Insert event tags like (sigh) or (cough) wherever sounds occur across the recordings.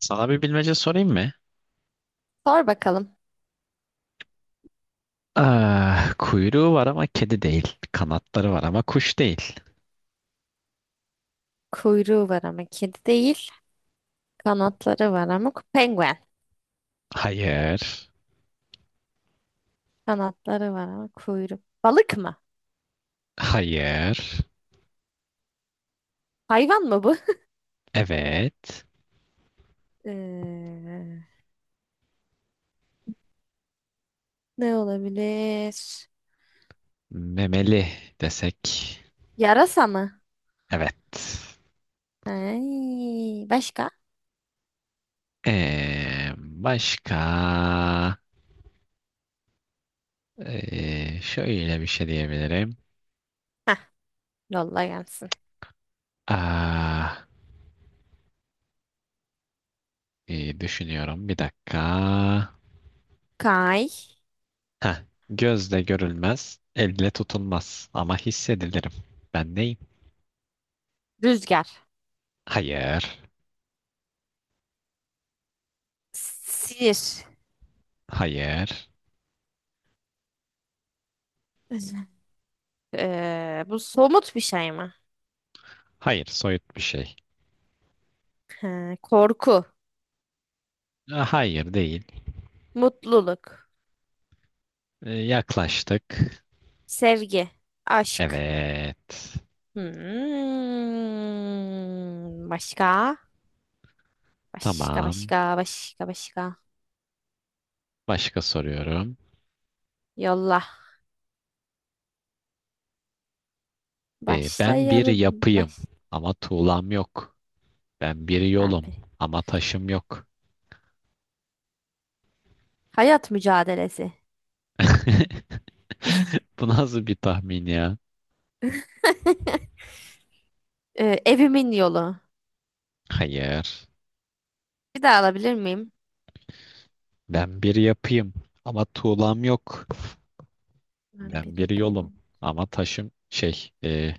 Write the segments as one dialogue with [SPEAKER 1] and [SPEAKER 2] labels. [SPEAKER 1] Sana bir bilmece sorayım mı?
[SPEAKER 2] Sor bakalım.
[SPEAKER 1] Kuyruğu var ama kedi değil. Kanatları var ama kuş değil.
[SPEAKER 2] Kuyruğu var ama kedi değil. Kanatları var ama penguen.
[SPEAKER 1] Hayır.
[SPEAKER 2] Kanatları var ama kuyruğu. Balık mı?
[SPEAKER 1] Hayır.
[SPEAKER 2] Hayvan mı bu? (laughs)
[SPEAKER 1] Evet.
[SPEAKER 2] Ee, ne olabilir?
[SPEAKER 1] Memeli desek.
[SPEAKER 2] Yarasa mı?
[SPEAKER 1] Evet.
[SPEAKER 2] Ay, başka?
[SPEAKER 1] Başka? Şöyle bir şey diyebilirim.
[SPEAKER 2] Heh, yolla gelsin.
[SPEAKER 1] Ah, iyi düşünüyorum. Bir dakika.
[SPEAKER 2] Kay,
[SPEAKER 1] Heh, Gözle görülmez, elle tutulmaz ama hissedilirim. Ben neyim?
[SPEAKER 2] rüzgar,
[SPEAKER 1] Hayır.
[SPEAKER 2] sihir.
[SPEAKER 1] Hayır.
[SPEAKER 2] (laughs) Bu somut bir şey mi?
[SPEAKER 1] Hayır, soyut bir şey.
[SPEAKER 2] Ha, korku,
[SPEAKER 1] Hayır değil.
[SPEAKER 2] mutluluk,
[SPEAKER 1] Yaklaştık.
[SPEAKER 2] sevgi, aşk.
[SPEAKER 1] Evet.
[SPEAKER 2] Hmm, başka? Başka,
[SPEAKER 1] Tamam.
[SPEAKER 2] başka, başka, başka.
[SPEAKER 1] Başka soruyorum.
[SPEAKER 2] Yolla.
[SPEAKER 1] Ben bir
[SPEAKER 2] Başlayalım.
[SPEAKER 1] yapıyım
[SPEAKER 2] Baş...
[SPEAKER 1] ama tuğlam yok. Ben bir
[SPEAKER 2] Ben
[SPEAKER 1] yolum
[SPEAKER 2] bir.
[SPEAKER 1] ama taşım yok.
[SPEAKER 2] Hayat mücadelesi.
[SPEAKER 1] (laughs)
[SPEAKER 2] (laughs)
[SPEAKER 1] Bu nasıl bir tahmin ya?
[SPEAKER 2] Evimin yolu.
[SPEAKER 1] Hayır.
[SPEAKER 2] Bir daha alabilir miyim?
[SPEAKER 1] Ben bir yapıyım ama tuğlam yok.
[SPEAKER 2] Ben
[SPEAKER 1] Ben
[SPEAKER 2] bir
[SPEAKER 1] bir
[SPEAKER 2] yapayım
[SPEAKER 1] yolum
[SPEAKER 2] ama.
[SPEAKER 1] ama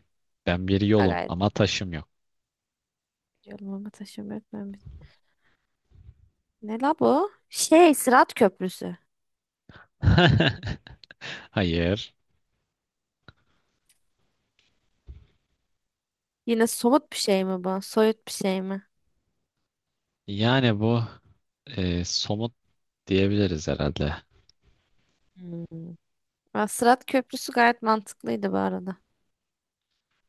[SPEAKER 1] ben bir
[SPEAKER 2] Ha,
[SPEAKER 1] yolum
[SPEAKER 2] gayet
[SPEAKER 1] ama taşım yok.
[SPEAKER 2] yolum ama taşım yok. Ben bir... Ne la bu? Şey, Sırat Köprüsü.
[SPEAKER 1] (laughs) Hayır.
[SPEAKER 2] Yine somut bir şey mi bu? Soyut bir şey mi?
[SPEAKER 1] Yani bu somut diyebiliriz herhalde.
[SPEAKER 2] Hmm. Aa, Sırat Köprüsü gayet mantıklıydı bu arada.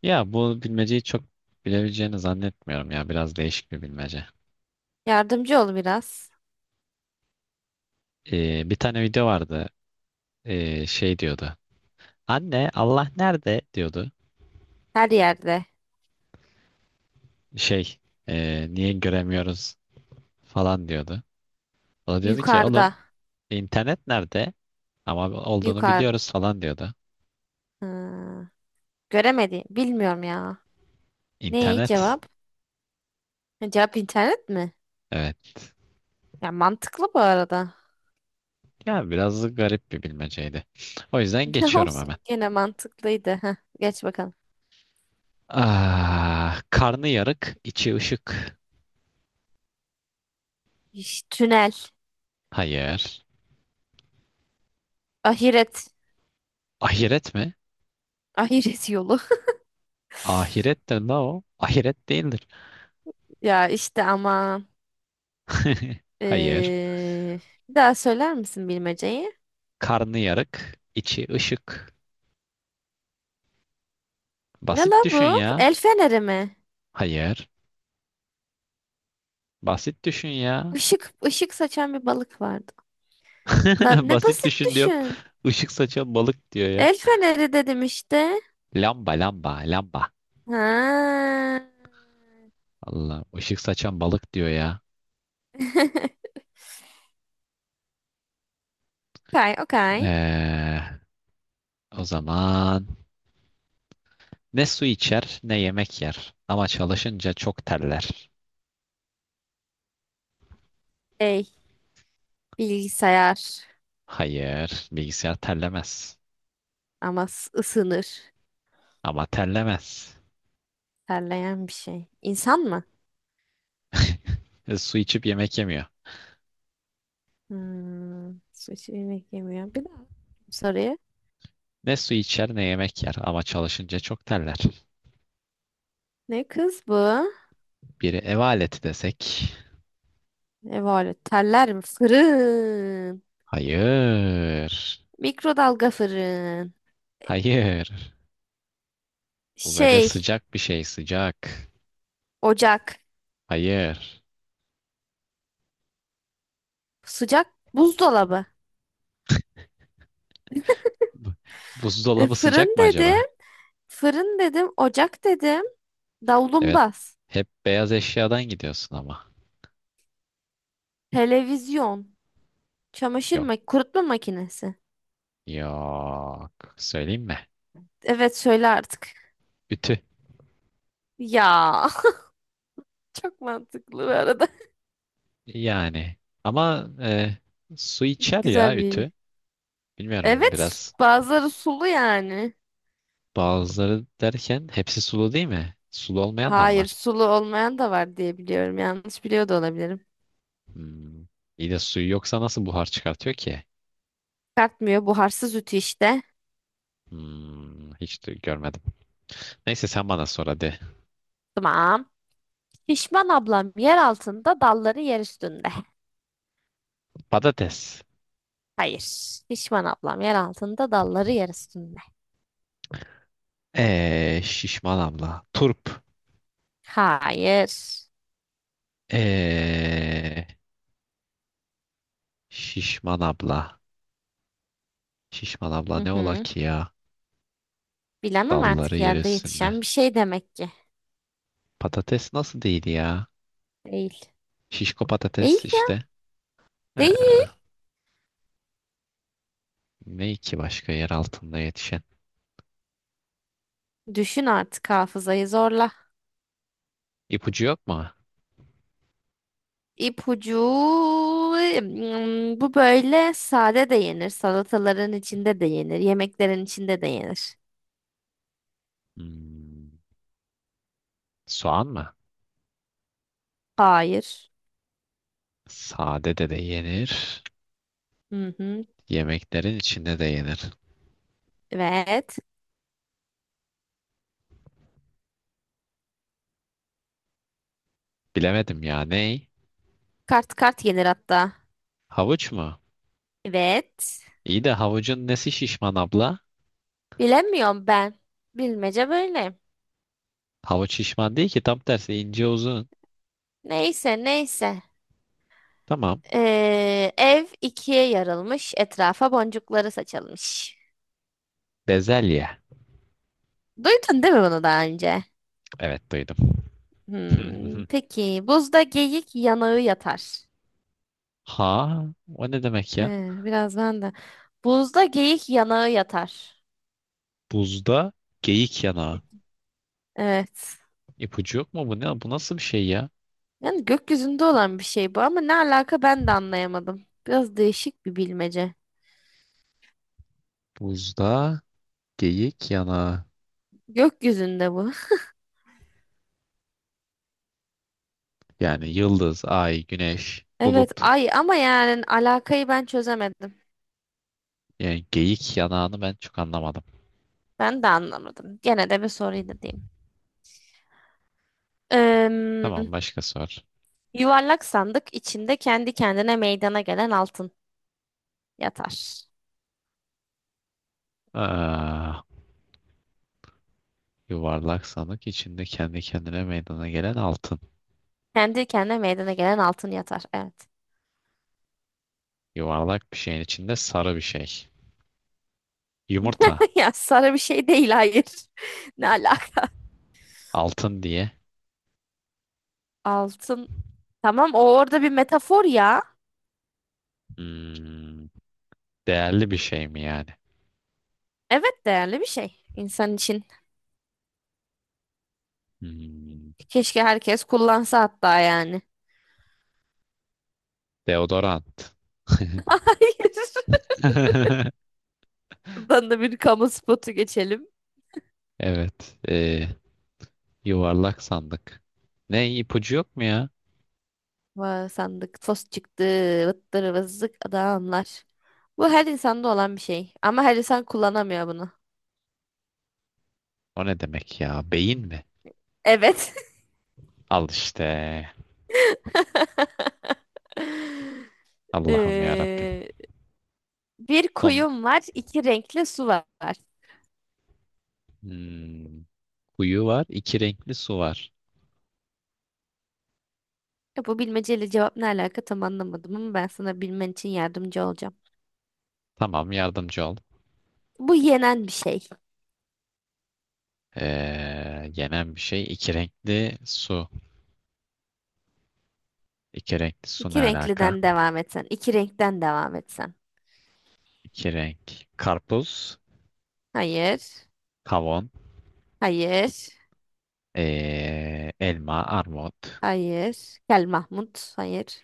[SPEAKER 1] Ya bu bilmeceyi çok bilebileceğini zannetmiyorum ya. Biraz değişik bir bilmece.
[SPEAKER 2] Yardımcı ol biraz.
[SPEAKER 1] Bir tane video vardı. Şey diyordu. Anne Allah nerede diyordu.
[SPEAKER 2] Her yerde.
[SPEAKER 1] Şey Niye göremiyoruz falan diyordu. O da diyordu ki
[SPEAKER 2] Yukarıda.
[SPEAKER 1] oğlum internet nerede? Ama olduğunu
[SPEAKER 2] Yukarıda.
[SPEAKER 1] biliyoruz falan diyordu.
[SPEAKER 2] Hı, göremedi. Bilmiyorum ya. Ne
[SPEAKER 1] İnternet.
[SPEAKER 2] cevap? Ha, cevap internet mi?
[SPEAKER 1] Evet.
[SPEAKER 2] Ya mantıklı bu arada.
[SPEAKER 1] Ya biraz garip bir bilmeceydi. O yüzden
[SPEAKER 2] (laughs)
[SPEAKER 1] geçiyorum
[SPEAKER 2] Olsun
[SPEAKER 1] hemen.
[SPEAKER 2] gene mantıklıydı. Heh, geç bakalım.
[SPEAKER 1] Karnı yarık, içi ışık.
[SPEAKER 2] İş, tünel.
[SPEAKER 1] Hayır.
[SPEAKER 2] Ahiret.
[SPEAKER 1] Ahiret mi?
[SPEAKER 2] Ahiret yolu. (laughs)
[SPEAKER 1] Ahiret de ne o? Ahiret değildir.
[SPEAKER 2] Ya işte ama
[SPEAKER 1] (laughs) Hayır.
[SPEAKER 2] ee, bir daha söyler misin bilmeceyi?
[SPEAKER 1] Karnı yarık, içi ışık.
[SPEAKER 2] Ne la
[SPEAKER 1] Basit
[SPEAKER 2] bu?
[SPEAKER 1] düşün ya.
[SPEAKER 2] El feneri mi?
[SPEAKER 1] Hayır. Basit düşün ya.
[SPEAKER 2] Işık, ışık saçan bir balık vardı. La,
[SPEAKER 1] (laughs)
[SPEAKER 2] ne
[SPEAKER 1] Basit
[SPEAKER 2] basit
[SPEAKER 1] düşün diyorum.
[SPEAKER 2] düşün.
[SPEAKER 1] Işık saçan balık diyor ya.
[SPEAKER 2] El feneri dedim işte.
[SPEAKER 1] Lamba, lamba, lamba.
[SPEAKER 2] Ha.
[SPEAKER 1] Allah, ışık saçan balık diyor ya.
[SPEAKER 2] (laughs) Okay, okay.
[SPEAKER 1] Ee, o zaman ne su içer, ne yemek yer. Ama çalışınca çok terler.
[SPEAKER 2] Şey, bilgisayar
[SPEAKER 1] Hayır, bilgisayar terlemez.
[SPEAKER 2] ama ısınır.
[SPEAKER 1] Ama terlemez.
[SPEAKER 2] Terleyen bir şey. İnsan mı?
[SPEAKER 1] Su içip yemek yemiyor.
[SPEAKER 2] Hmm, su içi yemek yemiyor. Bir daha soruyu.
[SPEAKER 1] Ne su içer ne yemek yer ama çalışınca çok terler.
[SPEAKER 2] Ne kız bu?
[SPEAKER 1] Biri ev aleti desek.
[SPEAKER 2] Ne var? Teller mi? Fırın.
[SPEAKER 1] Hayır.
[SPEAKER 2] Mikrodalga fırın.
[SPEAKER 1] Hayır. Bu böyle
[SPEAKER 2] Şey,
[SPEAKER 1] sıcak bir şey, sıcak.
[SPEAKER 2] ocak.
[SPEAKER 1] Hayır.
[SPEAKER 2] Sıcak buzdolabı.
[SPEAKER 1] Bu-
[SPEAKER 2] E,
[SPEAKER 1] Buzdolabı sıcak
[SPEAKER 2] fırın
[SPEAKER 1] mı
[SPEAKER 2] dedim.
[SPEAKER 1] acaba?
[SPEAKER 2] Fırın dedim. Ocak dedim.
[SPEAKER 1] Evet.
[SPEAKER 2] Davlumbaz.
[SPEAKER 1] Hep beyaz eşyadan gidiyorsun ama.
[SPEAKER 2] Televizyon. Çamaşır
[SPEAKER 1] Yok.
[SPEAKER 2] mak kurutma makinesi.
[SPEAKER 1] Yok. Söyleyeyim mi?
[SPEAKER 2] Evet söyle artık.
[SPEAKER 1] Ütü.
[SPEAKER 2] Ya (laughs) çok mantıklı bu arada.
[SPEAKER 1] Yani. Ama su
[SPEAKER 2] (laughs)
[SPEAKER 1] içer
[SPEAKER 2] Güzel
[SPEAKER 1] ya
[SPEAKER 2] bir.
[SPEAKER 1] ütü. Bilmiyorum
[SPEAKER 2] Evet,
[SPEAKER 1] biraz.
[SPEAKER 2] bazıları sulu yani.
[SPEAKER 1] Bazıları derken hepsi sulu değil mi? Sulu olmayan da mı
[SPEAKER 2] Hayır,
[SPEAKER 1] var?
[SPEAKER 2] sulu olmayan da var diye biliyorum. Yanlış biliyor da olabilirim.
[SPEAKER 1] Hmm. İyi de suyu yoksa nasıl buhar çıkartıyor ki?
[SPEAKER 2] Kartmıyor, buharsız ütü işte.
[SPEAKER 1] Hmm, hiç de görmedim. Neyse sen bana sor hadi.
[SPEAKER 2] Tamam. Şişman ablam yer altında, dalları yer üstünde.
[SPEAKER 1] Patates.
[SPEAKER 2] Hayır. Şişman ablam yer altında, dalları yer üstünde.
[SPEAKER 1] Şişman abla. Turp.
[SPEAKER 2] Hayır.
[SPEAKER 1] Ee, Şişman abla. Şişman abla
[SPEAKER 2] Hı
[SPEAKER 1] ne ola
[SPEAKER 2] hı.
[SPEAKER 1] ki ya?
[SPEAKER 2] Bilemem
[SPEAKER 1] Dalları
[SPEAKER 2] artık
[SPEAKER 1] yer
[SPEAKER 2] yerde
[SPEAKER 1] üstünde.
[SPEAKER 2] yetişen bir şey demek ki.
[SPEAKER 1] Patates nasıl değil ya?
[SPEAKER 2] Değil.
[SPEAKER 1] Şişko patates
[SPEAKER 2] Değil ya.
[SPEAKER 1] işte. Ee,
[SPEAKER 2] Değil.
[SPEAKER 1] Ne ki başka yer altında yetişen?
[SPEAKER 2] Düşün artık hafızayı zorla.
[SPEAKER 1] İpucu yok mu?
[SPEAKER 2] İpucu hmm, bu böyle sade de yenir, salataların içinde de yenir, yemeklerin içinde de yenir.
[SPEAKER 1] Hmm, soğan mı?
[SPEAKER 2] Hayır.
[SPEAKER 1] Sade de de yenir.
[SPEAKER 2] Hı hı.
[SPEAKER 1] Yemeklerin içinde de yenir.
[SPEAKER 2] Evet.
[SPEAKER 1] Bilemedim ya. Ney?
[SPEAKER 2] Kart kart yenir hatta.
[SPEAKER 1] Havuç mu?
[SPEAKER 2] Evet.
[SPEAKER 1] İyi de havucun nesi şişman abla?
[SPEAKER 2] Bilemiyorum ben. Bilmece böyle.
[SPEAKER 1] Havuç şişman değil ki tam tersi ince uzun.
[SPEAKER 2] Neyse neyse.
[SPEAKER 1] Tamam.
[SPEAKER 2] Ev ikiye yarılmış, etrafa boncukları saçılmış.
[SPEAKER 1] Bezelye.
[SPEAKER 2] Duydun değil mi bunu daha önce?
[SPEAKER 1] Evet duydum.
[SPEAKER 2] Hmm,
[SPEAKER 1] (laughs)
[SPEAKER 2] peki buzda geyik yanağı yatar.
[SPEAKER 1] Ha, o ne demek ya?
[SPEAKER 2] Biraz ben de. Buzda geyik yanağı yatar.
[SPEAKER 1] Buzda geyik yanağı.
[SPEAKER 2] Evet.
[SPEAKER 1] İpucu yok mu bu ne? Bu nasıl bir şey ya?
[SPEAKER 2] Yani gökyüzünde olan bir şey bu ama ne alaka ben de anlayamadım. Biraz değişik bir bilmece.
[SPEAKER 1] Buzda geyik yanağı.
[SPEAKER 2] Gökyüzünde bu. (laughs)
[SPEAKER 1] Yani yıldız, ay, güneş,
[SPEAKER 2] Evet
[SPEAKER 1] bulut.
[SPEAKER 2] ay ama yani alakayı ben çözemedim.
[SPEAKER 1] Yani geyik yanağını ben çok anlamadım.
[SPEAKER 2] Ben de anlamadım. Gene de bir soruydu diyeyim. Em,
[SPEAKER 1] Tamam başka sor.
[SPEAKER 2] yuvarlak sandık içinde kendi kendine meydana gelen altın yatar.
[SPEAKER 1] Aa, yuvarlak sandık içinde kendi kendine meydana gelen altın.
[SPEAKER 2] Kendi kendine meydana gelen altın yatar. Evet.
[SPEAKER 1] Yuvarlak bir şeyin içinde sarı bir şey. Yumurta.
[SPEAKER 2] (laughs) Ya sarı bir şey değil hayır. (laughs) Ne alaka?
[SPEAKER 1] Altın diye.
[SPEAKER 2] Altın. Tamam o orada bir metafor ya.
[SPEAKER 1] Hmm, değerli bir şey mi yani?
[SPEAKER 2] Evet değerli bir şey insan için.
[SPEAKER 1] Hmm,
[SPEAKER 2] Keşke herkes kullansa hatta yani.
[SPEAKER 1] deodorant.
[SPEAKER 2] (laughs) Hayır.
[SPEAKER 1] (laughs)
[SPEAKER 2] Buradan da bir kamu spotu geçelim.
[SPEAKER 1] Evet. Yuvarlak sandık. Ne ipucu yok mu ya?
[SPEAKER 2] Vay, sandık fos çıktı. Vıttır vızlık adamlar. Bu her insanda olan bir şey. Ama her insan kullanamıyor bunu.
[SPEAKER 1] O ne demek ya? Beyin mi?
[SPEAKER 2] Evet.
[SPEAKER 1] Al işte.
[SPEAKER 2] (laughs)
[SPEAKER 1] Allah'ım ya Rabbim.
[SPEAKER 2] Ee, bir
[SPEAKER 1] Son
[SPEAKER 2] kuyum var, iki renkli su var.
[SPEAKER 1] hmm, kuyu var. İki renkli su var.
[SPEAKER 2] Ya bu bilmeceyle cevap ne alaka tam anlamadım ama ben sana bilmen için yardımcı olacağım.
[SPEAKER 1] Tamam yardımcı ol.
[SPEAKER 2] Bu yenen bir şey.
[SPEAKER 1] Yenen bir şey iki renkli su. İki renkli su ne
[SPEAKER 2] İki
[SPEAKER 1] alaka?
[SPEAKER 2] renkliden devam etsen. İki renkten devam etsen.
[SPEAKER 1] İki renk karpuz,
[SPEAKER 2] Hayır.
[SPEAKER 1] kavun,
[SPEAKER 2] Hayır.
[SPEAKER 1] elma, armut,
[SPEAKER 2] Hayır. Gel Mahmut. Hayır.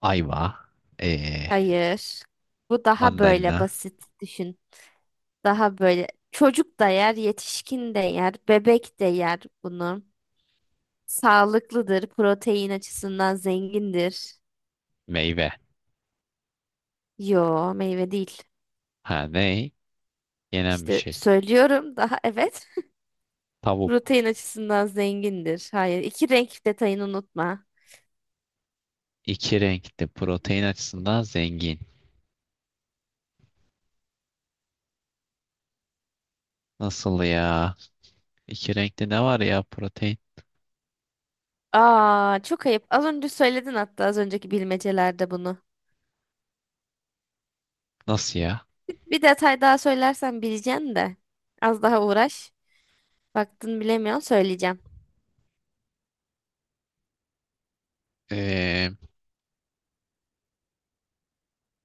[SPEAKER 1] ayva, ee,
[SPEAKER 2] Hayır. Bu daha
[SPEAKER 1] mandalina,
[SPEAKER 2] böyle basit düşün. Daha böyle çocuk da yer, yetişkin de yer, bebek de yer bunu. Sağlıklıdır, protein açısından zengindir.
[SPEAKER 1] meyve.
[SPEAKER 2] Yo, meyve değil.
[SPEAKER 1] Ha ne? Yenen bir
[SPEAKER 2] İşte
[SPEAKER 1] şey.
[SPEAKER 2] söylüyorum daha evet. (laughs)
[SPEAKER 1] Tavuk.
[SPEAKER 2] Protein açısından zengindir. Hayır. iki renk detayını unutma.
[SPEAKER 1] İki renkli protein açısından zengin. Nasıl ya? İki renkli ne var ya protein?
[SPEAKER 2] Aa, çok ayıp. Az önce söyledin hatta az önceki bilmecelerde bunu.
[SPEAKER 1] Nasıl ya?
[SPEAKER 2] Bir detay daha söylersen bileceksin de. Az daha uğraş. Baktın bilemiyorsun söyleyeceğim.
[SPEAKER 1] Ee,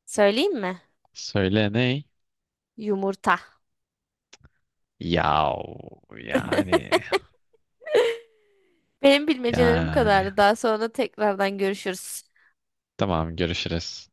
[SPEAKER 2] Söyleyeyim mi?
[SPEAKER 1] Söyle ne?
[SPEAKER 2] Yumurta.
[SPEAKER 1] Yav yani.
[SPEAKER 2] Benim bilmecelerim bu
[SPEAKER 1] Yani
[SPEAKER 2] kadardı. Daha sonra tekrardan görüşürüz.
[SPEAKER 1] tamam görüşürüz.